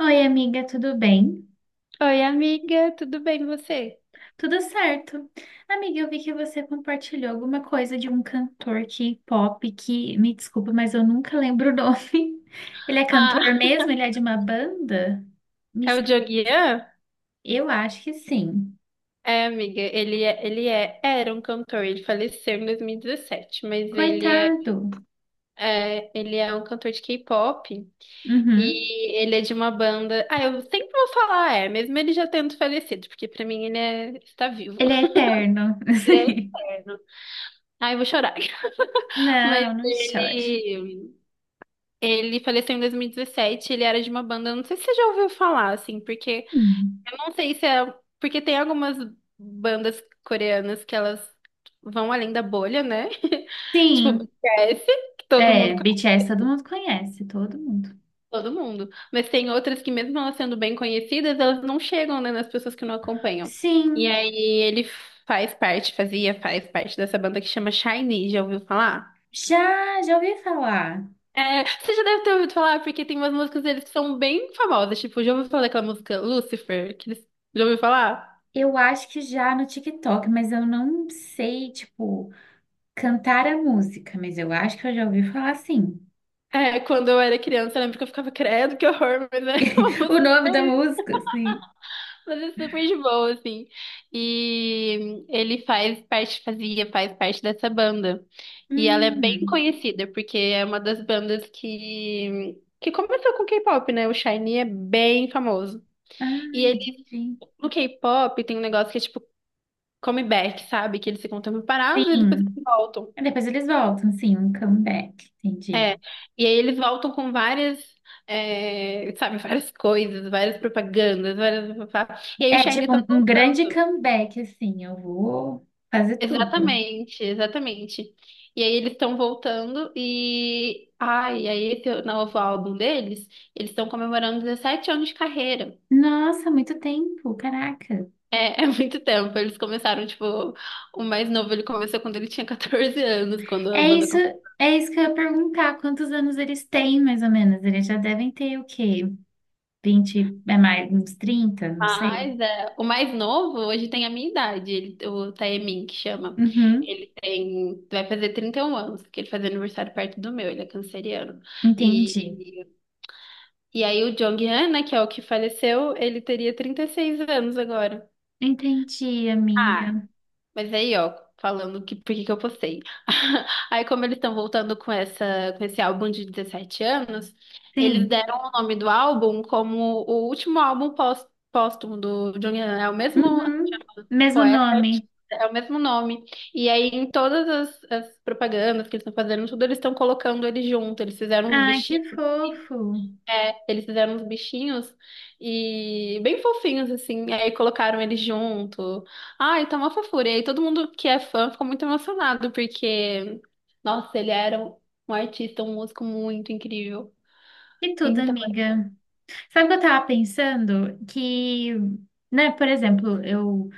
Oi, amiga, tudo bem? Oi, amiga, tudo bem você? Tudo certo. Amiga, eu vi que você compartilhou alguma coisa de um cantor K-pop que, me desculpa, mas eu nunca lembro o nome. Ele é Ah, cantor mesmo? Ele é de uma banda? Me É o explica. Dioguian? Eu acho que sim. É, amiga, era um cantor, ele faleceu em 2017, mas Coitado. Ele é um cantor de K-pop Uhum. e ele é de uma banda. Ah, eu sempre vou falar é, mesmo ele já tendo falecido, porque pra mim está vivo. Ele é eterno. Ele é eterno. Ah, eu vou chorar. Não, Mas não chore. ele faleceu em dois mil e dezessete. Ele era de uma banda, não sei se você já ouviu falar, assim, porque Hum. não sei se é. Porque tem algumas bandas coreanas que elas vão além da bolha, né? Tipo, Sim, BTS, que todo é, mundo conhece BTS todo mundo conhece, todo mundo. todo mundo. Mas tem outras que, mesmo elas sendo bem conhecidas, elas não chegam, né, nas pessoas que não acompanham. E Sim, aí ele faz parte, fazia, faz parte dessa banda que chama SHINee, já ouviu falar? já, já ouvi falar. É, você já deve ter ouvido falar, porque tem umas músicas deles que são bem famosas. Tipo, já ouviu falar daquela música Lucifer? Que eles... Já ouviu falar? Eu acho que já no TikTok, mas eu não sei, tipo, cantar a música, mas eu acho que eu já ouvi falar sim. É, quando eu era criança, eu lembro que eu ficava, credo, que horror, mas é uma O música nome da super, música, sim. mas é super de boa, assim. E ele faz parte, fazia, faz parte dessa banda. E ela é bem Hum, conhecida, porque é uma das bandas que começou com K-pop, né? O Shiny é bem famoso. ah, E ele, entendi. no K-pop, tem um negócio que é tipo comeback, sabe? Que eles ficam um tempo parados e depois eles Sim. voltam. Depois eles voltam, sim, um comeback, entendi. E aí eles voltam com várias, é, sabe, várias coisas, várias propagandas, várias... E aí o É Shiny tipo tá um, um grande voltando. comeback, assim, eu vou fazer tudo. Exatamente, exatamente. E aí eles estão voltando e... Ai, aí esse novo álbum deles, eles estão comemorando 17 anos de carreira. Nossa, muito tempo, caraca. É, é muito tempo. Eles começaram, tipo, o mais novo ele começou quando ele tinha 14 anos, quando a É banda... isso, é isso que eu ia perguntar, quantos anos eles têm, mais ou menos? Eles já devem ter o quê? 20 é mais uns 30, não sei. Mas é, o mais novo hoje tem a minha idade, ele- o Taemin, que chama. Uhum, Ele tem, vai fazer 31 anos, porque ele faz aniversário perto do meu, ele é canceriano. entendi. E, e aí o Jonghyun, né, que é o que faleceu, ele teria 36 anos agora. Entendi, Ah, amiga. mas aí, ó, falando que por que que eu postei. Aí, como eles estão voltando com essa, com, esse álbum de 17 anos, eles Sim. deram o nome do álbum como o último álbum póstumo do Jonghyun, né? É o mesmo Uhum, mesmo Poeta e artista, nome. é o mesmo nome. E aí, em todas as propagandas que eles estão fazendo, tudo eles estão colocando ele junto. Eles fizeram uns Ai, que bichinhos, fofo. é, eles fizeram uns bichinhos e bem fofinhos, assim. E aí colocaram ele junto. Ai, tá uma fofura. E aí todo mundo que é fã ficou muito emocionado, porque, nossa, ele era um artista, um músico muito incrível. E tudo, Então, é, amiga. Sabe o que eu tava pensando? Que, né, por exemplo, eu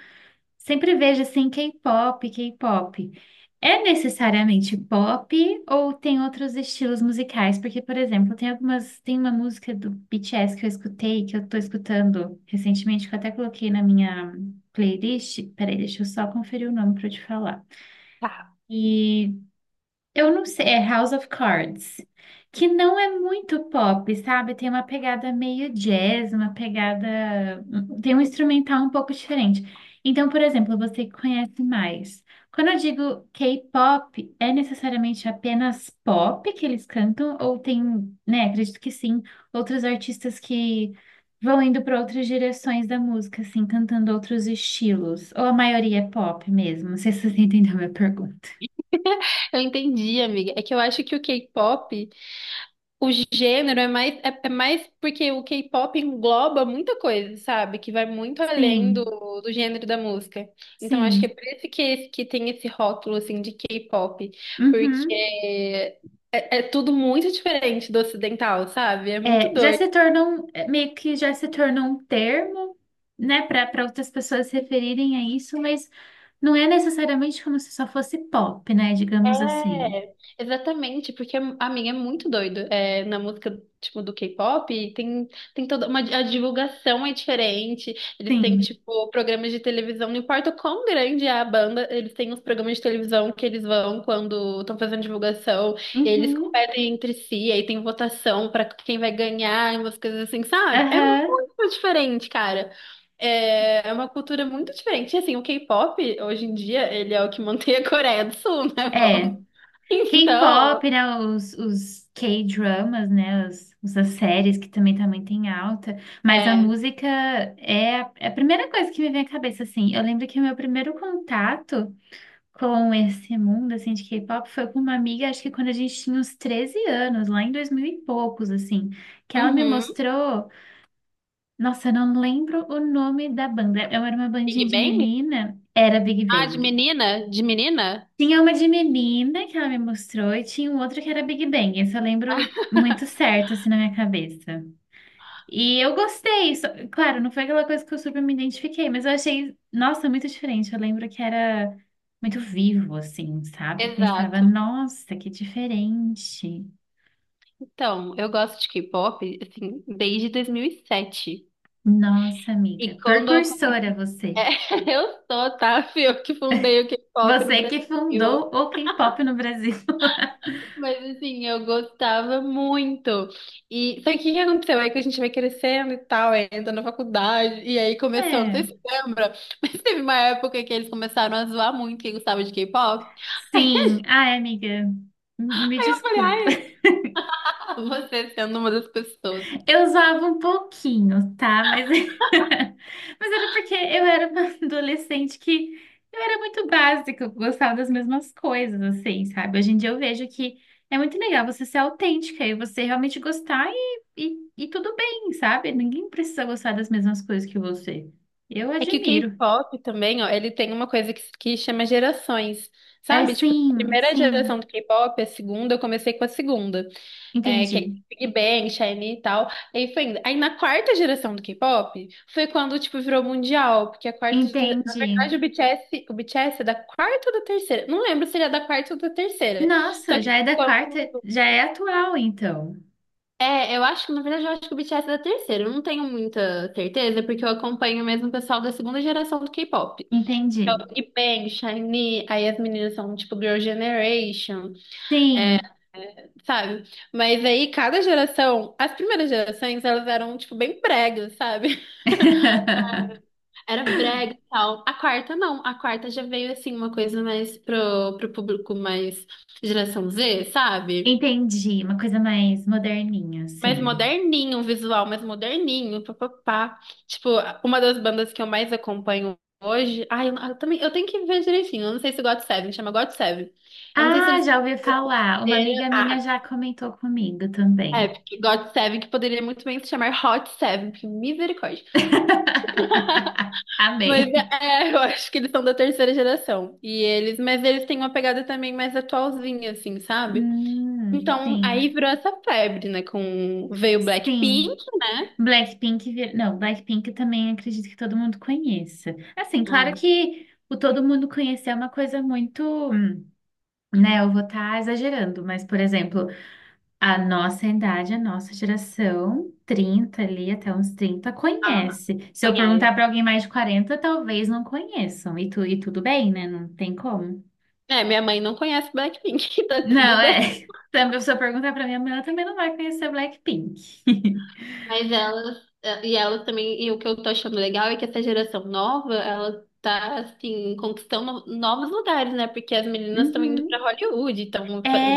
sempre vejo assim K-pop, K-pop. É necessariamente pop ou tem outros estilos musicais? Porque, por exemplo, tem algumas, tem uma música do BTS que eu escutei, que eu tô escutando recentemente, que eu até coloquei na minha playlist. Peraí, deixa eu só conferir o nome para eu te falar. tá. E eu não sei, é House of Cards, que não é muito pop, sabe? Tem uma pegada meio jazz, uma pegada. Tem um instrumental um pouco diferente. Então, por exemplo, você que conhece mais. Quando eu digo K-pop, é necessariamente apenas pop que eles cantam? Ou tem, né? Acredito que sim, outros artistas que vão indo para outras direções da música, assim, cantando outros estilos. Ou a maioria é pop mesmo? Não sei se você entendeu a minha pergunta. Eu entendi, amiga. É que eu acho que o K-pop... O gênero é mais, é mais porque o K-pop engloba muita coisa, sabe? Que vai muito além do, Sim. do gênero da música. Então, acho que é Sim. por isso esse- que tem esse rótulo, assim, de K-pop. Porque Uhum. é tudo muito diferente do ocidental, sabe? É muito É, já doido. se tornou um- é, meio que já se tornou um termo, né, para outras pessoas se referirem a isso, mas não é necessariamente como se só fosse pop, né, digamos assim. É, exatamente, porque a minha é muito doido. É, na música, tipo, do K-pop, tem toda uma... A divulgação é diferente. Eles têm, Sim. tipo, programas de televisão. Não importa o quão grande é a banda, eles têm os programas de televisão que eles vão quando estão fazendo divulgação. E eles Uhum. competem entre si, aí tem votação pra quem vai ganhar, e umas coisas assim, sabe? É Aham. muito diferente, cara. é uma cultura muito diferente. E, assim, o K-pop, hoje em dia, ele é o que mantém a Coreia do Sul, né? É. Então, K-pop, né, os K-dramas, né, os, as séries que também tem alta, mas a é. música é a primeira coisa que me vem à cabeça, assim. Eu lembro que o meu primeiro contato com esse mundo assim de K-pop foi com uma amiga, acho que quando a gente tinha uns 13 anos, lá em 2000 e poucos, assim, que ela me Uhum. mostrou, nossa, eu não lembro o nome da banda. Eu era uma bandinha Big de Bang? menina, era Big Ah, de Bang. menina? De menina? Tinha uma de menina que ela me mostrou e tinha um outro que era Big Bang. Esse eu lembro muito certo assim na minha cabeça. E eu gostei. Claro, não foi aquela coisa que eu super me identifiquei, mas eu achei, nossa, muito diferente. Eu lembro que era muito vivo, assim, sabe? Pensava, Exato. nossa, que diferente. Então, eu gosto de K-pop, assim, desde 2007. E sete. Nossa, amiga, E quando eu precursora conheci... É, você. eu sou, tá? Fui eu que fundei o K-pop no Você Brasil. que fundou o K-pop no Brasil. Mas, assim, eu gostava muito. E só que o que aconteceu? É que a gente vai crescendo e tal, aí entra na faculdade. E aí começou, não sei É, se você lembra, mas teve uma época que eles começaram a zoar muito quem gostava de K-pop. sim. Ai, amiga, me desculpa. Você sendo uma das pessoas. Eu usava um pouquinho, tá? Mas, mas era porque eu era uma adolescente que eu era muito básica, eu gostava das mesmas coisas, assim, sabe? Hoje em dia eu vejo que é muito legal você ser autêntica e você realmente gostar e tudo bem, sabe? Ninguém precisa gostar das mesmas coisas que você. Eu É que o admiro. K-pop também, ó, ele tem uma coisa que chama gerações, É, sabe? Tipo, a sim, primeira sim, geração do K-pop, a segunda, eu comecei com a segunda, é, que entendi, é Big Bang, SHINee e tal. Aí foi indo. Aí na quarta geração do K-pop, foi quando, tipo, virou mundial, porque a quarta gera... Na entendi. verdade, o BTS é da quarta ou da terceira? Não lembro se ele é da quarta ou da terceira. Só Nossa, que... já é da quarta, já é atual, então. É, eu acho que, na verdade, eu acho que o BTS é da terceira. Eu não tenho muita certeza, porque eu acompanho mesmo o pessoal da segunda geração do K-pop. Então, Entendi. Big Bang, SHINee, aí as meninas são tipo Girl Generation, é, Sim. sabe? Mas aí, cada geração, as primeiras gerações, elas eram, tipo, bem bregas, sabe? Era brega e tal. A quarta, não. A quarta já veio, assim, uma coisa mais pro, público mais geração Z, sabe? Entendi, uma coisa mais moderninha, Mais assim. moderninho o visual, mais moderninho, papapá. Tipo, uma das bandas que eu mais acompanho hoje. Ai, eu também, eu tenho que ver direitinho. Eu não sei se God Seven chama God Seven. Eu não sei se Ah, eles... já ouvi falar. Uma amiga minha Ah, já comentou comigo é, também. porque God Seven, que poderia muito bem se chamar Hot Seven, porque misericórdia. Mas Amei. é, eu acho que eles são da terceira geração. E eles, mas eles têm uma pegada também mais atualzinha, assim, sabe? Então, aí Sim, virou essa febre, né? Com, veio sim. Blackpink, né? Blackpink, vir... não, Blackpink também acredito que todo mundo conheça. Assim, claro Ai, que o todo mundo conhecer é uma coisa muito, hum, né? Eu vou estar exagerando, mas, por exemplo, a nossa idade, a nossa geração, 30 ali até uns 30 ah, conhece. Se eu perguntar conhece. para alguém mais de 40, talvez não conheçam. E tudo bem, né? Não tem como. É, minha mãe não conhece Blackpink, tá tudo Não, bem. é. Também, se eu perguntar para minha mãe, ela também não vai conhecer Blackpink. Mas elas, e elas também, e o que eu tô achando legal é que essa geração nova, ela tá, assim, conquistando novos lugares, né? Porque as meninas estão indo pra Uhum. Hollywood, estão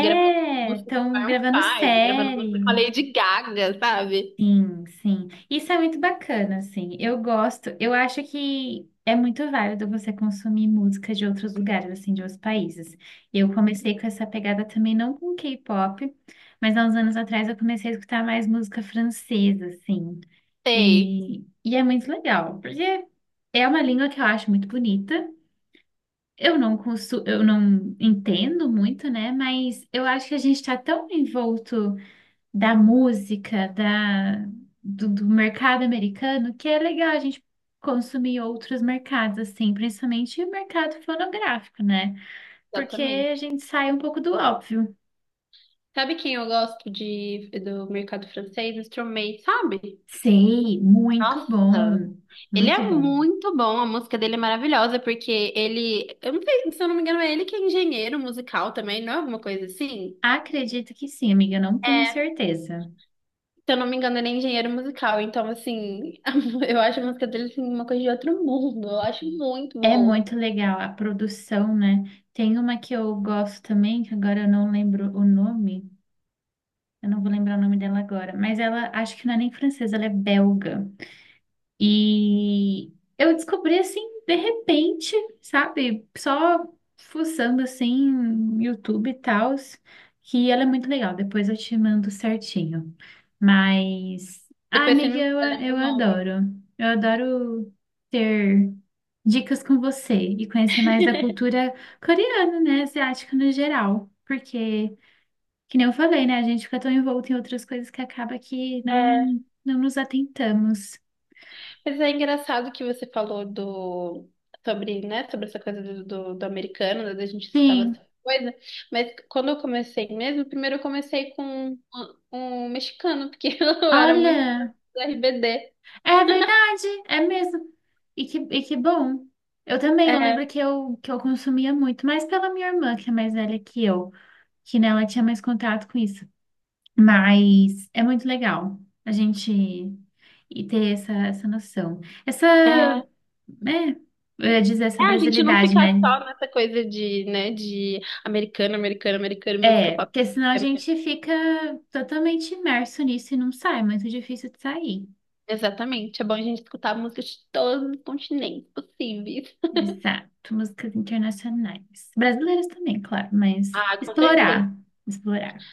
gravando música com estão Maroon gravando 5, gravando música série. com a Lady Gaga, sabe? Sim, sim. Isso é muito bacana, assim. Eu gosto, eu acho que é muito válido você consumir música de outros lugares, assim, de outros países. Eu comecei com essa pegada também, não com K-pop, mas há uns anos atrás eu comecei a escutar mais música francesa, assim. Sei. E, e é muito legal, porque é uma língua que eu acho muito bonita. Eu não entendo muito, né? Mas eu acho que a gente está tão envolto da música, do mercado americano, que é legal a gente consumir outros mercados, assim, principalmente o mercado fonográfico, né? Porque a Exatamente. gente sai um pouco do óbvio. Sabe quem eu gosto de, do mercado francês? Stromae, sabe? Sei, muito Nossa! bom, Ele muito é bom. muito bom, a música dele é maravilhosa, porque ele, eu não sei, se eu não me engano, é ele que é engenheiro musical também, não é alguma coisa assim? Acredito que sim, amiga, não É, tenho se certeza. eu não me engano, ele é engenheiro musical, então assim, eu acho a música dele assim, uma coisa de outro mundo, eu acho muito É boa. muito legal a produção, né? Tem uma que eu gosto também, que agora eu não lembro o nome, eu não vou lembrar o nome dela agora, mas ela, acho que não é nem francesa, ela é belga. E eu descobri assim, de repente, sabe? Só fuçando assim, YouTube e tal, que ela é muito legal. Depois eu te mando certinho. Mas, ai, Depois você amiga, me lembra eu o nome. adoro. Eu adoro ter dicas com você e conhecer mais da cultura coreana, né? Asiática no geral. Porque, que nem eu falei, né? A gente fica tão envolto em outras coisas que acaba que não, não nos atentamos. Mas é engraçado que você falou do sobre, né, sobre essa coisa do, do, americano, né, da gente escutar Sim. bastante coisa. Mas quando eu comecei mesmo, primeiro eu comecei com um mexicano, porque eu era muito Olha, do RBD. é verdade, é mesmo. E que bom. Eu também, eu É, lembro que eu consumia muito, mais pela minha irmã, que é mais velha que eu, que, né, ela tinha mais contato com isso. Mas é muito legal a gente ter essa, essa noção. Essa, é, é, né, eu ia dizer essa a gente não brasilidade, ficar né? só nessa coisa de, né, de americano, americano, americano, música É, pop. porque senão a gente fica totalmente imerso nisso e não sai, é muito difícil de sair. Exatamente, é bom a gente escutar músicas de todos os continentes possíveis. Exato, músicas internacionais. Brasileiras também, claro, mas Ah, com certeza, explorar, explorar.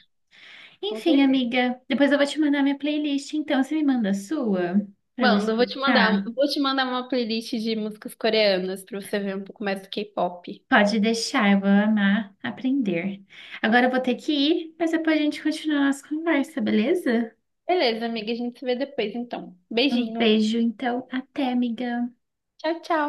com Enfim, certeza. amiga, depois eu vou te mandar minha playlist, então você me manda a sua para eu Manda, eu escutar. vou te mandar uma playlist de músicas coreanas pra você ver um pouco mais do K-pop. Pode deixar, eu vou amar aprender. Agora eu vou ter que ir, mas depois a gente continua a nossa conversa, beleza? Beleza, amiga, a gente se vê depois então. Um Beijinho. beijo, então, até, amiga. Tchau, tchau.